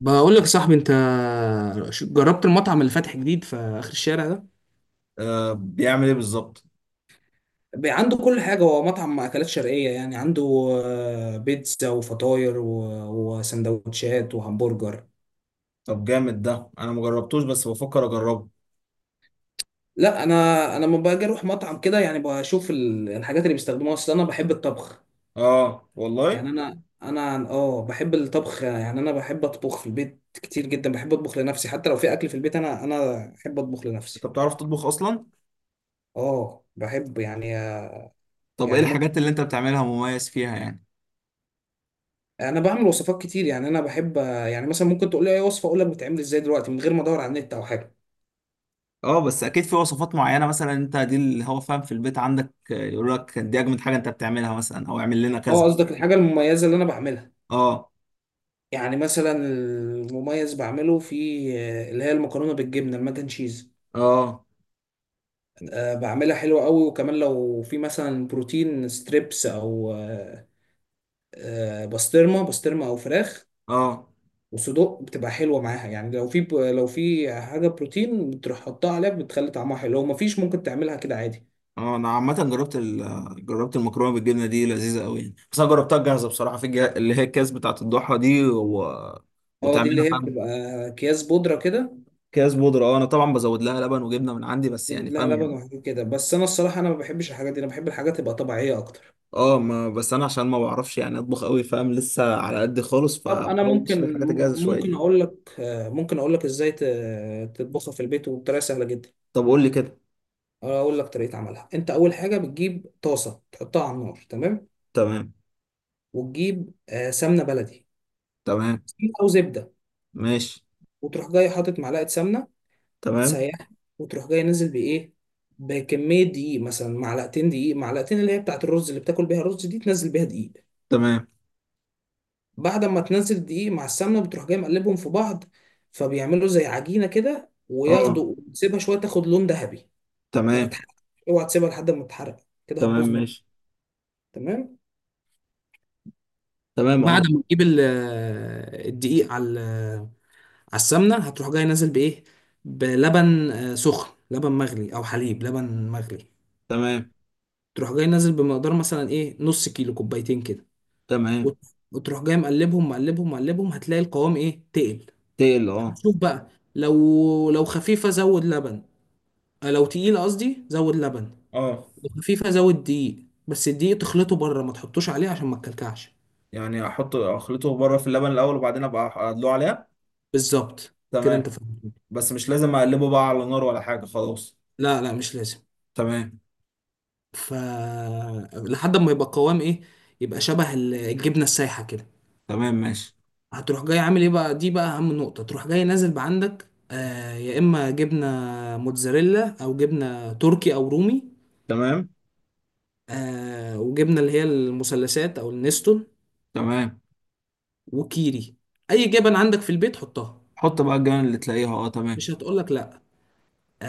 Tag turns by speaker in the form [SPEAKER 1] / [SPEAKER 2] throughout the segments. [SPEAKER 1] بقول لك يا صاحبي انت، جربت المطعم اللي فاتح جديد في اخر الشارع ده؟
[SPEAKER 2] آه، بيعمل ايه بالظبط؟
[SPEAKER 1] بقى عنده كل حاجة. هو مطعم أكلات شرقية، يعني عنده بيتزا وفطاير و- وسندوتشات وهمبرجر.
[SPEAKER 2] طب جامد ده، انا مجربتوش بس بفكر اجربه.
[SPEAKER 1] لا، أنا لما باجي أروح مطعم كده يعني بشوف ال- الحاجات اللي بيستخدموها، أصل أنا بحب الطبخ.
[SPEAKER 2] اه والله.
[SPEAKER 1] يعني أنا أنا آه بحب الطبخ، يعني أنا بحب أطبخ في البيت كتير جدا، بحب أطبخ لنفسي، حتى لو في أكل في البيت أنا أحب أطبخ
[SPEAKER 2] انت
[SPEAKER 1] لنفسي.
[SPEAKER 2] بتعرف تطبخ اصلا؟
[SPEAKER 1] بحب يعني.
[SPEAKER 2] طب ايه
[SPEAKER 1] يعني ممكن.
[SPEAKER 2] الحاجات اللي انت بتعملها مميز فيها يعني؟
[SPEAKER 1] انا بعمل وصفات كتير، يعني انا بحب، يعني مثلا ممكن تقول لي اي وصفه اقول لك بتعمل ازاي دلوقتي من غير ما ادور على النت او حاجه.
[SPEAKER 2] اه، بس اكيد في وصفات معينة، مثلا انت دي اللي هو فاهم في البيت عندك، يقول لك دي اجمد حاجة انت بتعملها، مثلا او اعمل لنا
[SPEAKER 1] اه،
[SPEAKER 2] كذا.
[SPEAKER 1] قصدك الحاجه المميزه اللي انا بعملها.
[SPEAKER 2] اه.
[SPEAKER 1] يعني مثلا المميز بعمله في اللي هي المكرونه بالجبنه، الماك اند تشيز.
[SPEAKER 2] اه.
[SPEAKER 1] بعملها حلوه قوي، وكمان لو في مثلا بروتين ستريبس او بسطرمه او فراخ
[SPEAKER 2] اه.
[SPEAKER 1] وصدوق بتبقى حلوه معاها. يعني لو في لو في حاجه بروتين بتروح حطها عليها بتخلي طعمها حلو، لو مفيش ممكن تعملها كده عادي.
[SPEAKER 2] اه. انا عامة جربت جربت المكرونة بالجبنة دي، لذيذة قوي يعني، بس انا جربتها جاهزه بصراحه، في اللي هي الكاس بتاعت الضحى دي
[SPEAKER 1] اه، دي
[SPEAKER 2] وتعملها.
[SPEAKER 1] اللي هي بتبقى اكياس بودره كده.
[SPEAKER 2] اكياس بودرة، اه انا طبعا بزود لها لبن وجبنه من عندي بس، يعني
[SPEAKER 1] لا، لبن
[SPEAKER 2] فاهم.
[SPEAKER 1] وحاجات كده، بس انا الصراحه انا ما بحبش الحاجات دي، انا بحب الحاجات تبقى طبيعيه اكتر.
[SPEAKER 2] اه، ما بس انا عشان ما بعرفش يعني اطبخ قوي، فاهم، لسه على قد خالص،
[SPEAKER 1] طب انا
[SPEAKER 2] فبحاول امشي
[SPEAKER 1] ممكن.
[SPEAKER 2] بالحاجات الجاهزه شويه دي.
[SPEAKER 1] ممكن اقول لك آه، ممكن اقول لك ازاي تطبخها في البيت وبطريقه سهله جدا.
[SPEAKER 2] طب قول لي كده.
[SPEAKER 1] اقول لك طريقه عملها. انت اول حاجه بتجيب طاسه تحطها على النار. تمام.
[SPEAKER 2] تمام.
[SPEAKER 1] وتجيب سمنه بلدي،
[SPEAKER 2] تمام
[SPEAKER 1] سمنة او زبده،
[SPEAKER 2] ماشي.
[SPEAKER 1] وتروح جاي حاطط معلقه سمنه
[SPEAKER 2] تمام.
[SPEAKER 1] وتسيحها، وتروح جاي نازل بايه، بكميه دقيق، مثلا معلقتين دقيق، معلقتين اللي هي بتاعت الرز اللي بتاكل بيها الرز دي، تنزل بيها دقيق.
[SPEAKER 2] تمام
[SPEAKER 1] بعد ما تنزل دقيق مع السمنه بتروح جاي مقلبهم في بعض، فبيعملوا زي عجينه كده
[SPEAKER 2] اه.
[SPEAKER 1] وياخدوا. تسيبها شويه تاخد لون ذهبي، ما
[SPEAKER 2] تمام.
[SPEAKER 1] تتحرق. اوعى تسيبها لحد ما تتحرق، كده
[SPEAKER 2] تمام
[SPEAKER 1] هتبوظ منك.
[SPEAKER 2] ماشي.
[SPEAKER 1] تمام.
[SPEAKER 2] تمام
[SPEAKER 1] بعد
[SPEAKER 2] اه.
[SPEAKER 1] ما تجيب الدقيق على السمنه، هتروح جاي نازل بايه، بلبن سخن، لبن مغلي او حليب، لبن مغلي.
[SPEAKER 2] تمام.
[SPEAKER 1] تروح جاي نازل بمقدار مثلا ايه، نص كيلو، كوبايتين كده.
[SPEAKER 2] تمام.
[SPEAKER 1] وت- وتروح جاي مقلبهم. هتلاقي القوام ايه، تقل.
[SPEAKER 2] تقل اه.
[SPEAKER 1] شوف بقى، لو خفيفة زود لبن. لو تقيلة قصدي زود لبن،
[SPEAKER 2] اه،
[SPEAKER 1] لو خفيفة زود دقيق، بس الدقيق تخلطه بره ما تحطوش عليه عشان ما تكلكعش.
[SPEAKER 2] يعني احط اخلطه بره في اللبن الاول وبعدين ابقى ادلوه عليها؟
[SPEAKER 1] بالظبط، كده انت
[SPEAKER 2] تمام.
[SPEAKER 1] فاهم.
[SPEAKER 2] بس مش لازم اقلبه بقى على نار ولا حاجه خلاص؟
[SPEAKER 1] لا لا، مش لازم.
[SPEAKER 2] تمام.
[SPEAKER 1] ف، لحد ما يبقى قوام ايه، يبقى شبه ال- الجبنة السايحة كده.
[SPEAKER 2] تمام ماشي.
[SPEAKER 1] هتروح جاي عامل ايه بقى، دي بقى اهم نقطة. تروح جاي نازل بعندك يا اما جبنة موتزاريلا او جبنة تركي او رومي.
[SPEAKER 2] تمام.
[SPEAKER 1] وجبنة اللي هي المثلثات او النستون
[SPEAKER 2] تمام.
[SPEAKER 1] وكيري، اي جبن عندك في البيت حطها،
[SPEAKER 2] حط بقى الجبن اللي تلاقيها، اه تمام.
[SPEAKER 1] مش هتقولك لا.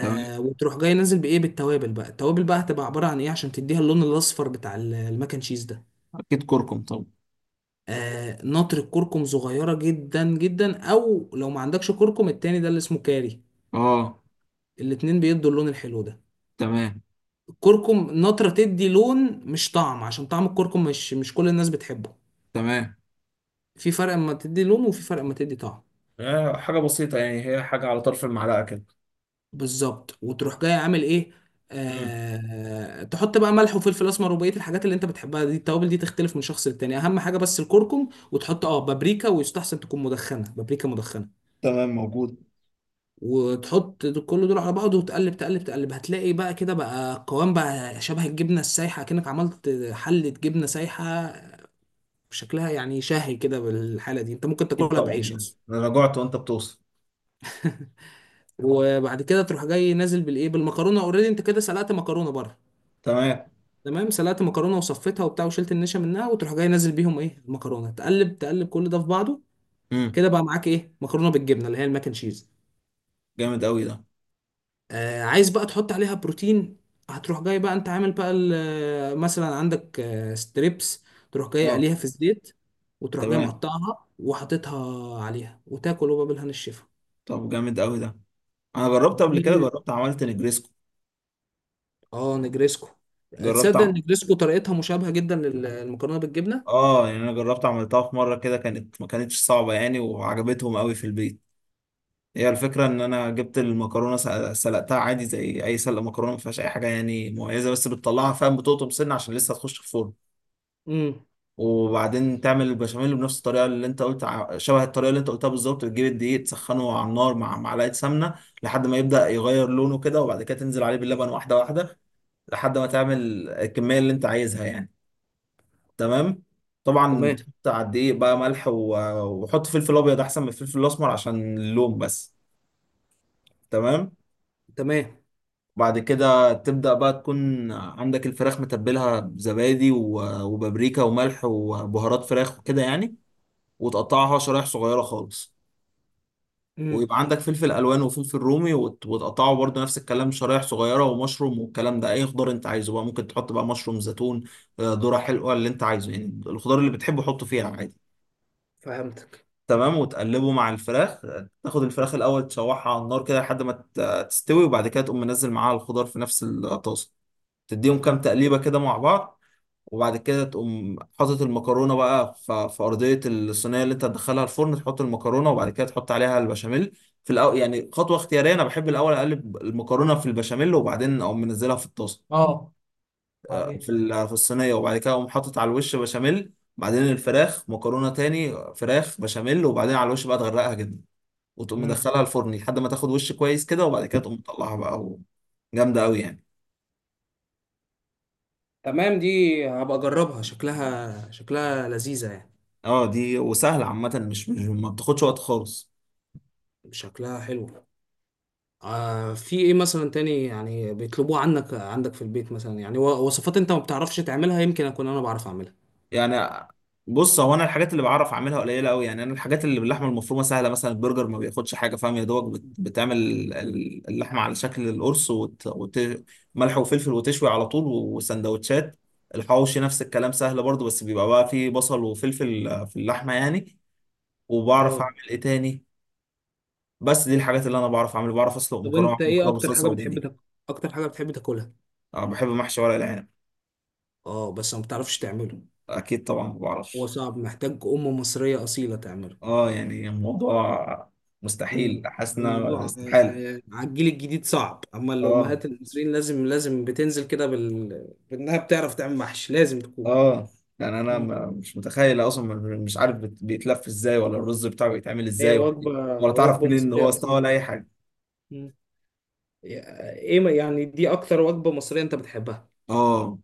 [SPEAKER 2] تمام،
[SPEAKER 1] وتروح جاي نازل بايه، بالتوابل بقى. التوابل بقى هتبقى عباره عن ايه، عشان تديها اللون الاصفر بتاع ال- الماك اند تشيز ده.
[SPEAKER 2] اكيد كركم طبعا.
[SPEAKER 1] نطر الكركم صغيره جدا جدا، او لو ما عندكش كركم التاني ده اللي اسمه كاري،
[SPEAKER 2] اه.
[SPEAKER 1] الاتنين بيدوا اللون الحلو ده.
[SPEAKER 2] تمام.
[SPEAKER 1] الكركم نطره تدي لون مش طعم، عشان طعم الكركم مش كل الناس بتحبه.
[SPEAKER 2] تمام.
[SPEAKER 1] في فرق اما تدي لون، وفي فرق اما تدي طعم.
[SPEAKER 2] آه، حاجة بسيطة يعني، هي حاجة على طرف المعلقة كده.
[SPEAKER 1] بالظبط. وتروح جاي عامل ايه،
[SPEAKER 2] امم،
[SPEAKER 1] تحط بقى ملح وفلفل اسمر وبقيه الحاجات اللي انت بتحبها دي. التوابل دي تختلف من شخص للتاني، اهم حاجه بس الكركم، وتحط اه بابريكا، ويستحسن تكون مدخنه، بابريكا مدخنه.
[SPEAKER 2] تمام موجود.
[SPEAKER 1] وتحط كل دول على بعض، وتقلب تقلب تقلب، هتلاقي بقى كده بقى قوام بقى شبه الجبنه السايحه، كأنك عملت حله جبنه سايحه. شكلها يعني شهي كده. بالحاله دي انت ممكن
[SPEAKER 2] أكيد
[SPEAKER 1] تاكلها
[SPEAKER 2] طبعا
[SPEAKER 1] بعيش
[SPEAKER 2] يعني،
[SPEAKER 1] اصلا.
[SPEAKER 2] أنا جوعت وأنت بتوصل.
[SPEAKER 1] وبعد كده تروح جاي نازل بالايه، بالمكرونه. اوريدي انت كده سلقت مكرونه بره.
[SPEAKER 2] تمام.
[SPEAKER 1] تمام، سلقت مكرونه وصفيتها وبتاع، وشلت النشا منها، وتروح جاي نازل بيهم ايه المكرونه، تقلب تقلب كل ده في بعضه.
[SPEAKER 2] امم.
[SPEAKER 1] كده بقى معاك ايه، مكرونه بالجبنه، اللي هي الماك اند تشيز.
[SPEAKER 2] جامد قوي ده.
[SPEAKER 1] عايز بقى تحط عليها بروتين، هتروح جاي بقى انت عامل بقى مثلا عندك ستريبس، تروح جاي
[SPEAKER 2] اه
[SPEAKER 1] قليها في الزيت، وتروح جاي
[SPEAKER 2] تمام.
[SPEAKER 1] مقطعها وحاططها عليها وتاكل، وبقى بالهنا الشفا.
[SPEAKER 2] طب جامد قوي ده، انا جربت قبل كده،
[SPEAKER 1] دي،
[SPEAKER 2] جربت عملت نجريسكو.
[SPEAKER 1] اه، نجريسكو.
[SPEAKER 2] جربت
[SPEAKER 1] تصدق ان
[SPEAKER 2] عم...
[SPEAKER 1] نجريسكو طريقتها مشابهه جدا للمكرونه بالجبنه.
[SPEAKER 2] اه يعني انا جربت عملتها في مره كده، كانت ما كانتش صعبه يعني، وعجبتهم قوي في البيت. هي الفكرة إن أنا جبت المكرونة، سلقتها عادي زي أي سلق مكرونة، ما فيهاش أي حاجة يعني مميزة، بس بتطلعها فاهم بتقطم سنة عشان لسه هتخش في الفرن.
[SPEAKER 1] امم.
[SPEAKER 2] وبعدين تعمل البشاميل بنفس الطريقة اللي أنت شبه الطريقة اللي أنت قلتها بالظبط، بتجيب الدقيق تسخنه على النار مع معلقة سمنة، لحد ما يبدأ يغير لونه كده، وبعد كده تنزل عليه باللبن واحدة واحدة، لحد ما تعمل الكمية اللي أنت عايزها يعني. تمام. طبعا
[SPEAKER 1] تمام.
[SPEAKER 2] بتحط على الدقيق بقى ملح وحط فلفل أبيض أحسن من الفلفل الأسمر عشان اللون بس. تمام.
[SPEAKER 1] تمام.
[SPEAKER 2] بعد كده تبدأ بقى تكون عندك الفراخ متبلها بزبادي وبابريكا وملح وبهارات فراخ وكده يعني، وتقطعها شرايح صغيرة خالص،
[SPEAKER 1] مم.
[SPEAKER 2] ويبقى عندك فلفل ألوان وفلفل رومي وتقطعه برضه نفس الكلام شرايح صغيرة ومشروم، والكلام ده أي خضار أنت عايزه بقى، ممكن تحط بقى مشروم، زيتون، ذرة حلوة، اللي أنت عايزه يعني الخضار اللي بتحبه حطه فيها عادي.
[SPEAKER 1] فهمتك. مم.
[SPEAKER 2] تمام، وتقلبه مع الفراخ. تاخد الفراخ الأول تشوحها على النار كده لحد ما تستوي، وبعد كده تقوم منزل معاها الخضار في نفس الطاسة، تديهم كام
[SPEAKER 1] مم.
[SPEAKER 2] تقليبة كده مع بعض، وبعد كده تقوم حاطط المكرونة بقى في أرضية الصينية اللي أنت هتدخلها الفرن، تحط المكرونة وبعد كده تحط عليها البشاميل. في الأول يعني خطوة اختيارية، أنا بحب الأول أقلب المكرونة في البشاميل وبعدين أقوم منزلها في الطاسة،
[SPEAKER 1] اه. وبعدين.
[SPEAKER 2] في الصينية، وبعد كده أقوم حاطط على الوش بشاميل، بعدين الفراخ، مكرونة تاني، فراخ، بشاميل، وبعدين على الوش بقى تغرقها جدا، وتقوم
[SPEAKER 1] مم.
[SPEAKER 2] مدخلها الفرن لحد ما تاخد وش كويس كده، وبعد كده تقوم تطلعها بقى جامدة أوي يعني.
[SPEAKER 1] تمام. دي هبقى اجربها، شكلها شكلها لذيذة يعني.
[SPEAKER 2] اه دي وسهله عامه، مش ما بتاخدش وقت خالص
[SPEAKER 1] شكلها حلو. في ايه مثلا تاني يعني بيطلبوه عنك عندك في البيت مثلا، يعني و- وصفات انت ما بتعرفش تعملها، يمكن اكون انا بعرف اعملها.
[SPEAKER 2] يعني. بص هو انا الحاجات اللي بعرف اعملها قليله قوي يعني، انا الحاجات اللي باللحمه المفرومه سهله، مثلا البرجر ما بياخدش حاجه، فاهم، يا دوبك بتعمل اللحمه على شكل القرص ملح وفلفل وتشوي على طول، وسندوتشات. الحواوشي نفس الكلام سهل برضو، بس بيبقى بقى فيه بصل وفلفل في اللحمه يعني. وبعرف
[SPEAKER 1] اه.
[SPEAKER 2] اعمل ايه تاني؟ بس دي الحاجات اللي انا بعرف اعملها، بعرف اسلق
[SPEAKER 1] طب
[SPEAKER 2] مكرونه،
[SPEAKER 1] انت ايه
[SPEAKER 2] مكرونه
[SPEAKER 1] اكتر
[SPEAKER 2] بصلصه
[SPEAKER 1] حاجة بتحب
[SPEAKER 2] وبانيه.
[SPEAKER 1] اكتر حاجة بتحب تاكلها؟
[SPEAKER 2] بحب محشي ورق العنب.
[SPEAKER 1] اه بس ما بتعرفش تعمله.
[SPEAKER 2] اكيد طبعا، ما
[SPEAKER 1] هو
[SPEAKER 2] بعرفش.
[SPEAKER 1] صعب، محتاج ام مصرية اصيلة تعمله.
[SPEAKER 2] اه يعني الموضوع، مستحيل،
[SPEAKER 1] مم.
[SPEAKER 2] حاسس ان أنا
[SPEAKER 1] الموضوع
[SPEAKER 2] استحالة.
[SPEAKER 1] على الجيل الجديد صعب، اما
[SPEAKER 2] اه.
[SPEAKER 1] الامهات المصريين لازم بتنزل كده بانها بتعرف تعمل محشي لازم تكون.
[SPEAKER 2] اه يعني انا
[SPEAKER 1] مم.
[SPEAKER 2] مش متخيل اصلا، مش عارف بيتلف ازاي، ولا الرز بتاعه بيتعمل
[SPEAKER 1] هي
[SPEAKER 2] ازاي، ولا إيه،
[SPEAKER 1] وجبه،
[SPEAKER 2] ولا تعرف
[SPEAKER 1] وجبه
[SPEAKER 2] منين ان هو
[SPEAKER 1] مصريه
[SPEAKER 2] استوى،
[SPEAKER 1] اصيله.
[SPEAKER 2] ولا اي حاجة.
[SPEAKER 1] مم. يا- ايه ما- يعني دي اكتر وجبه مصريه انت بتحبها.
[SPEAKER 2] اه.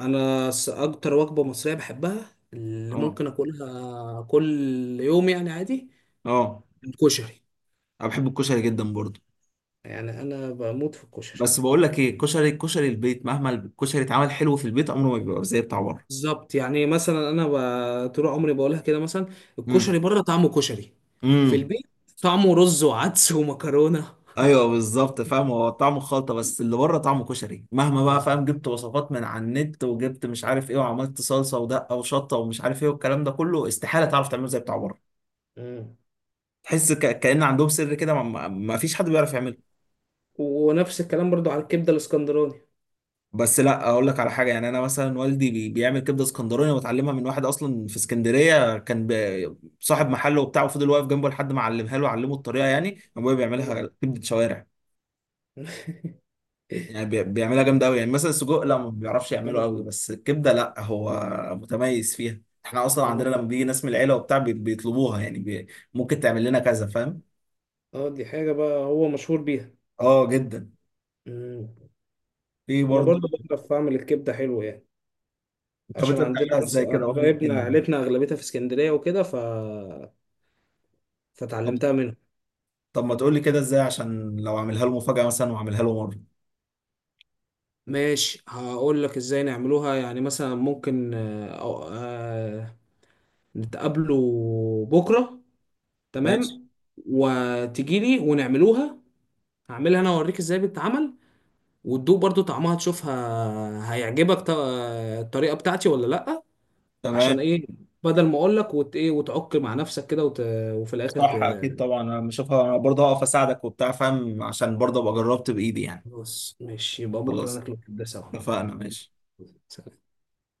[SPEAKER 1] انا اكتر وجبه مصريه بحبها اللي
[SPEAKER 2] اه.
[SPEAKER 1] ممكن اكلها كل يوم يعني عادي،
[SPEAKER 2] اه،
[SPEAKER 1] الكشري.
[SPEAKER 2] انا بحب الكشري جدا برضه.
[SPEAKER 1] يعني انا بموت في الكشري.
[SPEAKER 2] بس بقول لك ايه، كشري، كشري البيت مهما الكشري اتعمل حلو في البيت عمره ما بيبقى زي بتاع بره.
[SPEAKER 1] بالظبط، يعني مثلا انا طول عمري بقولها كده، مثلا
[SPEAKER 2] امم.
[SPEAKER 1] الكشري بره طعمه كشري، في
[SPEAKER 2] امم.
[SPEAKER 1] البيت طعمه رز وعدس ومكرونه.
[SPEAKER 2] ايوه بالظبط، فاهم، هو طعمه خلطه، بس اللي بره طعمه كشري، مهما بقى
[SPEAKER 1] بس-
[SPEAKER 2] فاهم، جبت وصفات من على النت، وجبت مش عارف ايه، وعملت صلصه ودقه وشطه ومش عارف ايه، والكلام ده كله استحاله تعرف تعمله زي بتاع بره.
[SPEAKER 1] مم.
[SPEAKER 2] تحس كأن عندهم سر كده، ما فيش حد بيعرف يعمله.
[SPEAKER 1] ونفس الكلام برضو على الكبده الاسكندراني.
[SPEAKER 2] بس لا اقول لك على حاجه، يعني انا مثلا والدي بيعمل كبده اسكندراني، وتعلمها من واحد اصلا في اسكندريه، كان صاحب محل وبتاع، وفضل واقف جنبه لحد ما علمها له، علمه الطريقه، يعني ابويا
[SPEAKER 1] آه،
[SPEAKER 2] بيعملها كبده شوارع، يعني بيعملها جامدة أوي يعني، مثلا السجق لا
[SPEAKER 1] آه،
[SPEAKER 2] ما بيعرفش يعمله
[SPEAKER 1] فهمت.
[SPEAKER 2] أوي، بس الكبدة لا، هو متميز فيها. احنا أصلا عندنا
[SPEAKER 1] مم.
[SPEAKER 2] لما بيجي ناس من العيلة وبتاع بيطلبوها يعني، ممكن تعمل لنا كذا، فاهم؟
[SPEAKER 1] اه، دي حاجه بقى هو مشهور بيها.
[SPEAKER 2] اه جدا.
[SPEAKER 1] مم.
[SPEAKER 2] في
[SPEAKER 1] انا
[SPEAKER 2] برضه.
[SPEAKER 1] برضو بعرف اعمل الكبده حلو يعني،
[SPEAKER 2] طب أنت
[SPEAKER 1] عشان عندنا
[SPEAKER 2] بتعملها
[SPEAKER 1] ناس
[SPEAKER 2] إزاي كده؟ قول لي
[SPEAKER 1] قرايبنا،
[SPEAKER 2] يمكن.
[SPEAKER 1] عيلتنا اغلبيتها في اسكندريه وكده.
[SPEAKER 2] طب
[SPEAKER 1] فتعلمتها منهم.
[SPEAKER 2] طب ما تقول لي كده إزاي، عشان لو أعملها له مفاجأة مثلا، وأعملها له مرة.
[SPEAKER 1] ماشي، هقول لك ازاي نعملوها. يعني مثلا ممكن نتقابلوا بكرة.
[SPEAKER 2] ماشي.
[SPEAKER 1] تمام. وتجي لي ونعملوها، هعملها انا اوريك ازاي بتتعمل، وتدوق برضو طعمها تشوفها هيعجبك، الطريقة بتاعتي ولا لأ. عشان
[SPEAKER 2] تمام.
[SPEAKER 1] ايه، بدل ما اقول لك وت ايه وتعك مع نفسك كده وفي الاخر
[SPEAKER 2] صح أكيد طبعا، أنا بشوفها، أنا برضه هقف أساعدك وبتاع فاهم، عشان برضه أبقى جربت بإيدي يعني.
[SPEAKER 1] خلاص ماشي، يبقى بكرة
[SPEAKER 2] خلاص.
[SPEAKER 1] ناكله كده سوا.
[SPEAKER 2] اتفقنا ماشي.